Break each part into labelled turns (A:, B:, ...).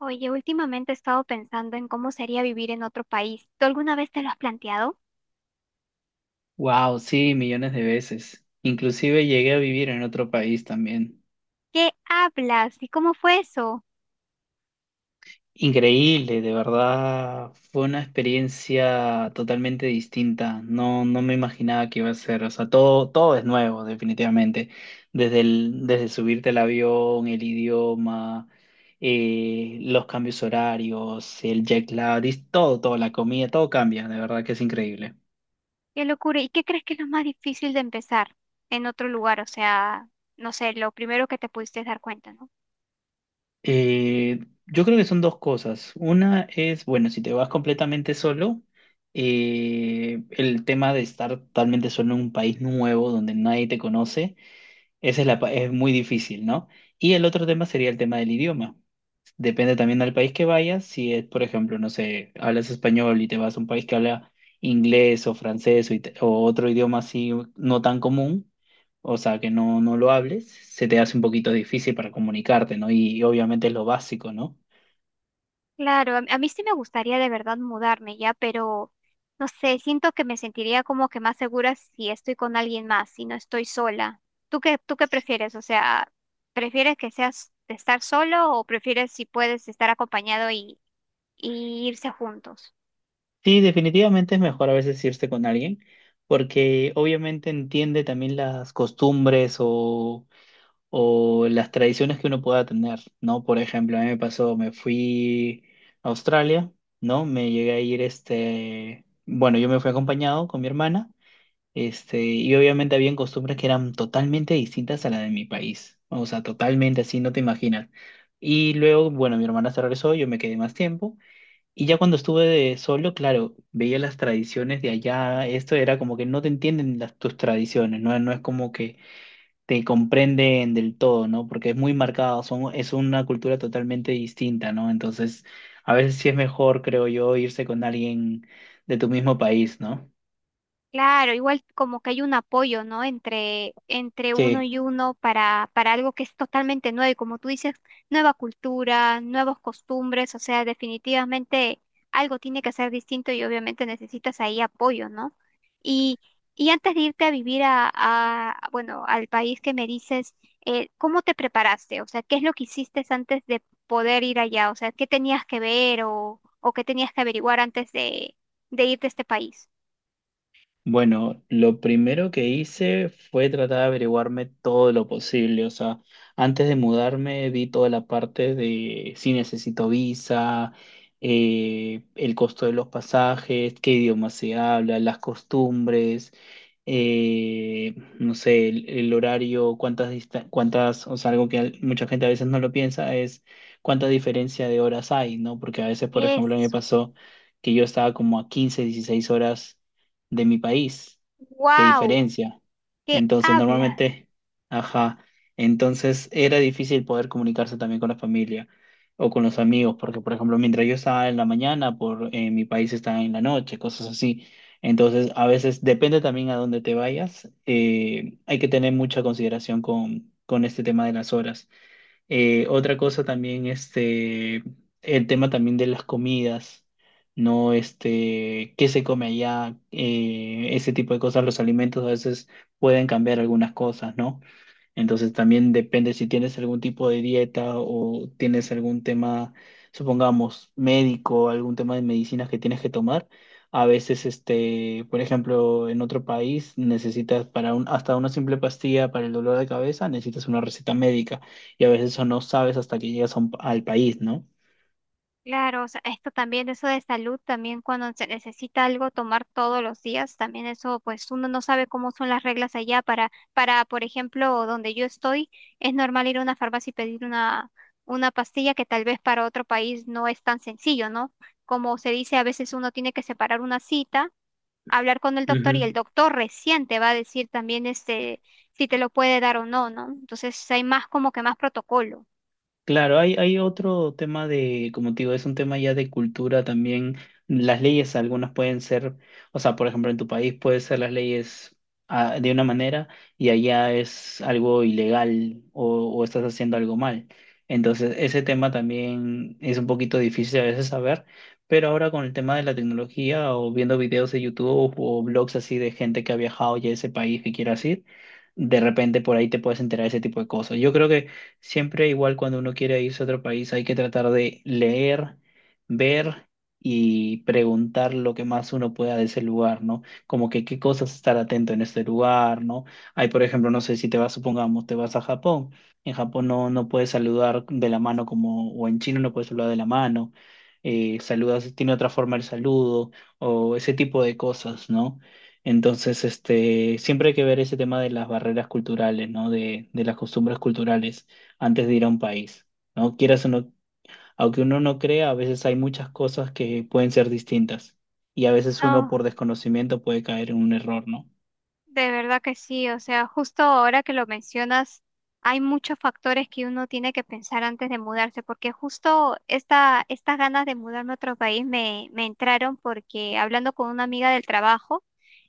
A: Oye, últimamente he estado pensando en cómo sería vivir en otro país. ¿Tú alguna vez te lo has planteado?
B: Wow, sí, millones de veces. Inclusive llegué a vivir en otro país también.
A: ¿Qué hablas? ¿Y cómo fue eso?
B: Increíble, de verdad. Fue una experiencia totalmente distinta. No, no me imaginaba que iba a ser. O sea, todo es nuevo, definitivamente. Desde subirte al avión, el idioma, los cambios horarios, el jet lag, es todo, la comida, todo cambia. De verdad que es increíble.
A: Qué locura. ¿Y qué crees que es lo más difícil de empezar en otro lugar? O sea, no sé, lo primero que te pudiste dar cuenta, ¿no?
B: Eh, yo creo que son dos cosas. Una es, bueno, si te vas completamente solo, el tema de estar totalmente solo en un país nuevo donde nadie te conoce, esa es muy difícil, ¿no? Y el otro tema sería el tema del idioma. Depende también del país que vayas. Si es, por ejemplo, no sé, hablas español y te vas a un país que habla inglés o francés o otro idioma así no tan común, o sea, que no, no lo hables, se te hace un poquito difícil para comunicarte, ¿no? Y obviamente es lo básico, ¿no?
A: Claro, a mí sí me gustaría de verdad mudarme ya, pero no sé, siento que me sentiría como que más segura si estoy con alguien más, si no estoy sola. ¿Tú qué prefieres? O sea, ¿prefieres que seas de estar solo o prefieres si puedes estar acompañado y irse juntos?
B: Sí, definitivamente es mejor a veces irse con alguien porque obviamente entiende también las costumbres o las tradiciones que uno pueda tener, ¿no? Por ejemplo, a mí me pasó, me fui a Australia, ¿no? Me llegué a ir, este, bueno, yo me fui acompañado con mi hermana, este, y obviamente habían costumbres que eran totalmente distintas a la de mi país, o sea, totalmente así, no te imaginas. Y luego, bueno, mi hermana se regresó, yo me quedé más tiempo, y ya cuando estuve de solo, claro, veía las tradiciones de allá, esto era como que no te entienden tus tradiciones, ¿no? No es como que te comprenden del todo, ¿no? Porque es muy marcado, es una cultura totalmente distinta, ¿no? Entonces, a veces sí es mejor, creo yo, irse con alguien de tu mismo país, ¿no?
A: Claro, igual como que hay un apoyo, ¿no? Entre uno
B: Sí.
A: y uno para algo que es totalmente nuevo. Y como tú dices, nueva cultura, nuevas costumbres, o sea, definitivamente algo tiene que ser distinto y obviamente necesitas ahí apoyo, ¿no? Y, y antes de irte a vivir bueno, al país que me dices, ¿cómo te preparaste? O sea, ¿qué es lo que hiciste antes de poder ir allá? O sea, ¿qué tenías que ver o qué tenías que averiguar de irte a este país?
B: Bueno, lo primero que hice fue tratar de averiguarme todo lo posible. O sea, antes de mudarme vi toda la parte de si necesito visa, el costo de los pasajes, qué idioma se habla, las costumbres, eh, no sé, el horario, cuántas, o sea, algo que mucha gente a veces no lo piensa es cuánta diferencia de horas hay, ¿no? Porque a veces, por ejemplo, me
A: Eso.
B: pasó que yo estaba como a 15 16 horas de mi país, de
A: Wow,
B: diferencia.
A: ¿qué
B: Entonces,
A: habla?
B: normalmente, ajá, entonces era difícil poder comunicarse también con la familia o con los amigos, porque, por ejemplo, mientras yo estaba en la mañana, por mi país estaba en la noche, cosas así. Entonces, a veces depende también a dónde te vayas, hay que tener mucha consideración con este tema de las horas. Otra cosa también, este, el tema también de las comidas, ¿no? Este, qué se come allá, ese tipo de cosas, los alimentos a veces pueden cambiar algunas cosas, ¿no? Entonces también depende si tienes algún tipo de dieta o tienes algún tema, supongamos, médico, algún tema de medicinas que tienes que tomar. A veces, este, por ejemplo, en otro país necesitas para hasta una simple pastilla para el dolor de cabeza, necesitas una receta médica y a veces eso no sabes hasta que llegas a al país, ¿no?
A: Claro, o sea, esto también, eso de salud, también cuando se necesita algo tomar todos los días, también eso, pues uno no sabe cómo son las reglas allá para, por ejemplo, donde yo estoy, es normal ir a una farmacia y pedir una pastilla que tal vez para otro país no es tan sencillo, ¿no? Como se dice, a veces uno tiene que separar una cita, hablar con el doctor y el
B: Ujú.
A: doctor recién te va a decir también este, si te lo puede dar o no, ¿no? Entonces hay más como que más protocolo.
B: Claro, hay otro tema de, como te digo, es un tema ya de cultura también. Las leyes, algunas pueden ser, o sea, por ejemplo, en tu país puede ser las leyes de una manera y allá es algo ilegal o estás haciendo algo mal. Entonces, ese tema también es un poquito difícil a veces saber, pero ahora con el tema de la tecnología o viendo videos de YouTube o blogs así de gente que ha viajado ya a ese país que quieras ir, de repente por ahí te puedes enterar de ese tipo de cosas. Yo creo que siempre igual cuando uno quiere irse a otro país hay que tratar de leer, ver y preguntar lo que más uno pueda de ese lugar, ¿no? Como que qué cosas estar atento en este lugar, ¿no? Hay, por ejemplo, no sé si te vas, supongamos, te vas a Japón. En Japón no, no puedes saludar de la mano como, o en China no puedes saludar de la mano. Saludas, tiene otra forma el saludo o ese tipo de cosas, ¿no? Entonces, este, siempre hay que ver ese tema de las barreras culturales, ¿no? De las costumbres culturales antes de ir a un país, ¿no? Quieras o no, aunque uno no crea, a veces hay muchas cosas que pueden ser distintas y a veces uno
A: No.
B: por desconocimiento puede caer en un error, ¿no?
A: De verdad que sí, o sea, justo ahora que lo mencionas, hay muchos factores que uno tiene que pensar antes de mudarse, porque justo estas ganas de mudarme a otro país me entraron porque hablando con una amiga del trabajo,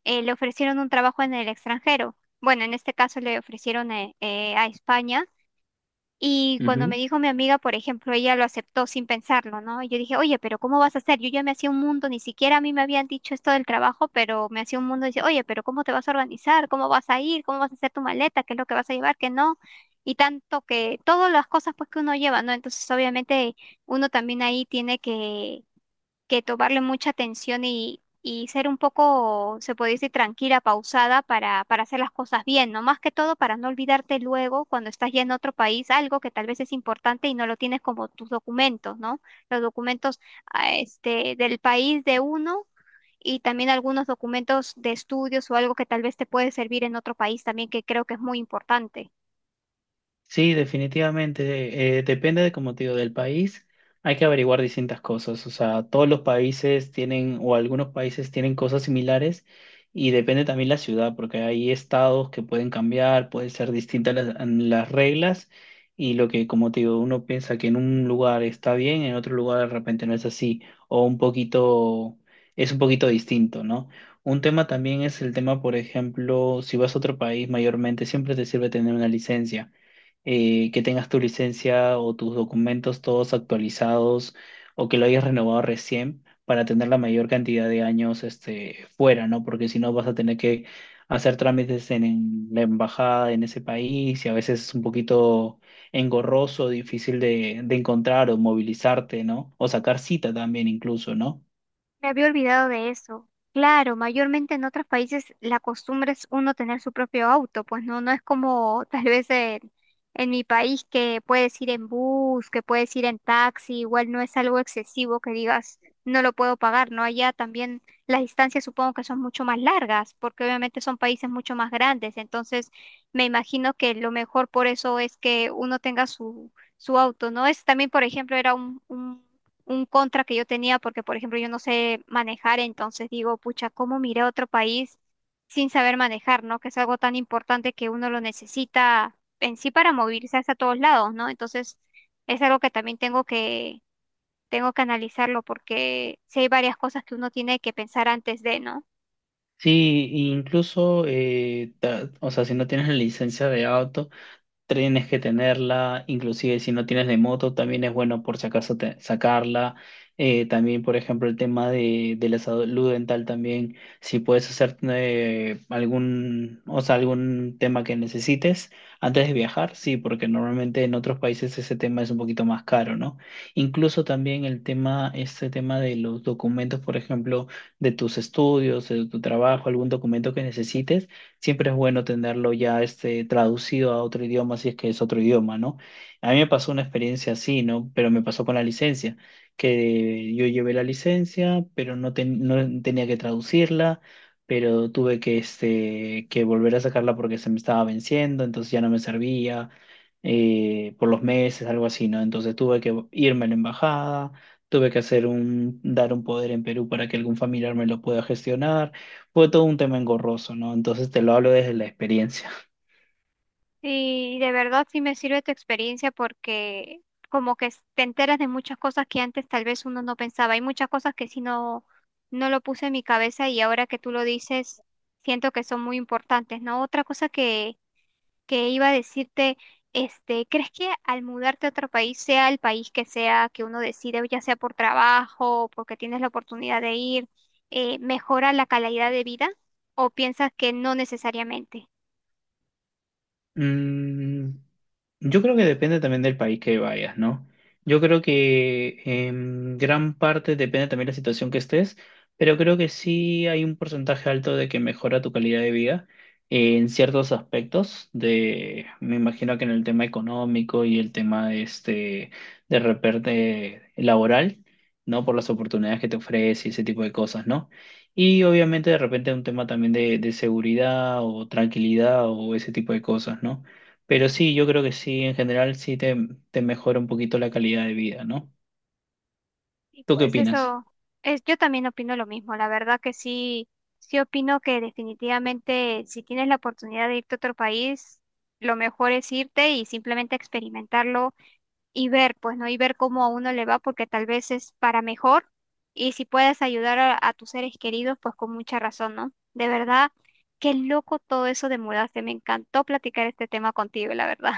A: le ofrecieron un trabajo en el extranjero. Bueno, en este caso le ofrecieron a España y cuando
B: Ujú.
A: me dijo mi amiga, por ejemplo, ella lo aceptó sin pensarlo, ¿no? Y yo dije, oye, pero ¿cómo vas a hacer? Yo ya me hacía un mundo, ni siquiera a mí me habían dicho esto del trabajo, pero me hacía un mundo. Dice, oye, pero ¿cómo te vas a organizar? ¿Cómo vas a ir? ¿Cómo vas a hacer tu maleta? ¿Qué es lo que vas a llevar? ¿Qué no? Y tanto que todas las cosas pues que uno lleva, ¿no? Entonces, obviamente, uno también ahí tiene que tomarle mucha atención y ser un poco, se puede decir, tranquila, pausada para hacer las cosas bien, ¿no? Más que todo para no olvidarte luego cuando estás ya en otro país algo que tal vez es importante y no lo tienes como tus documentos, ¿no? Los documentos del país de uno. Y también algunos documentos de estudios o algo que tal vez te puede servir en otro país también, que creo que es muy importante.
B: Sí, definitivamente. Depende de, como te digo, del país. Hay que averiguar distintas cosas. O sea, todos los países tienen, o algunos países tienen cosas similares y depende también la ciudad, porque hay estados que pueden cambiar, pueden ser distintas las reglas y lo que, como te digo, uno piensa que en un lugar está bien, en otro lugar de repente no es así, o un poquito, es un poquito distinto, ¿no? Un tema también es el tema, por ejemplo, si vas a otro país, mayormente siempre te sirve tener una licencia que tengas tu licencia o tus documentos todos actualizados o que lo hayas renovado recién para tener la mayor cantidad de años este, fuera, ¿no? Porque si no vas a tener que hacer trámites en la embajada en ese país y a veces es un poquito engorroso, difícil de encontrar o movilizarte, ¿no? O sacar cita también incluso, ¿no?
A: Me había olvidado de eso. Claro, mayormente en otros países la costumbre es uno tener su propio auto, pues no, no es como tal vez en mi país que puedes ir en bus, que puedes ir en taxi, igual no es algo excesivo que digas no lo puedo pagar, ¿no? Allá también las distancias supongo que son mucho más largas, porque obviamente son países mucho más grandes, entonces me imagino que lo mejor por eso es que uno tenga su auto, ¿no? Es también, por ejemplo, era un contra que yo tenía, porque por ejemplo yo no sé manejar, entonces digo, pucha, ¿cómo miré a otro país sin saber manejar, ¿no? Que es algo tan importante que uno lo necesita en sí para movilizarse a todos lados, ¿no? Entonces es algo que también tengo que analizarlo, porque sí hay varias cosas que uno tiene que pensar antes de, ¿no?
B: Sí, incluso, o sea, si no tienes la licencia de auto, tienes que tenerla, inclusive si no tienes de moto, también es bueno por si acaso sacarla. También, por ejemplo, el tema de la salud dental también, si puedes hacer algún, o sea, algún tema que necesites antes de viajar, sí, porque normalmente en otros países ese tema es un poquito más caro, ¿no? Incluso también el tema, este tema de los documentos, por ejemplo, de tus estudios, de tu trabajo, algún documento que necesites siempre es bueno tenerlo ya este, traducido a otro idioma si es que es otro idioma, ¿no? A mí me pasó una experiencia así, ¿no? Pero me pasó con la licencia, que yo llevé la licencia, pero no, no tenía que traducirla, pero tuve que, este, que volver a sacarla porque se me estaba venciendo, entonces ya no me servía por los meses, algo así, ¿no? Entonces tuve que irme a la embajada, tuve que dar un poder en Perú para que algún familiar me lo pueda gestionar. Fue todo un tema engorroso, ¿no? Entonces te lo hablo desde la experiencia.
A: Y de verdad sí me sirve tu experiencia porque como que te enteras de muchas cosas que antes tal vez uno no pensaba. Hay muchas cosas que sí no lo puse en mi cabeza y ahora que tú lo dices, siento que son muy importantes, ¿no? Otra cosa que iba a decirte, este, ¿crees que al mudarte a otro país, sea el país que sea que uno decide, ya sea por trabajo o porque tienes la oportunidad de ir, mejora la calidad de vida o piensas que no necesariamente?
B: Mm, yo creo que depende también del país que vayas, ¿no? Yo creo que en gran parte depende también de la situación que estés, pero creo que sí hay un porcentaje alto de que mejora tu calidad de vida en ciertos aspectos de, me imagino que en el tema económico y el tema este de repente laboral, ¿no? Por las oportunidades que te ofrece y ese tipo de cosas, ¿no? Y obviamente de repente un tema también de seguridad o tranquilidad o ese tipo de cosas, ¿no? Pero sí, yo creo que sí, en general sí te mejora un poquito la calidad de vida, ¿no?
A: Y
B: ¿Tú qué
A: pues
B: opinas?
A: eso, es, yo también opino lo mismo. La verdad que sí, sí opino que definitivamente si tienes la oportunidad de irte a otro país, lo mejor es irte y simplemente experimentarlo y ver, pues no, y ver cómo a uno le va, porque tal vez es para mejor. Y si puedes ayudar a tus seres queridos, pues con mucha razón, ¿no? De verdad, qué loco todo eso de mudarse. Me encantó platicar este tema contigo, la verdad.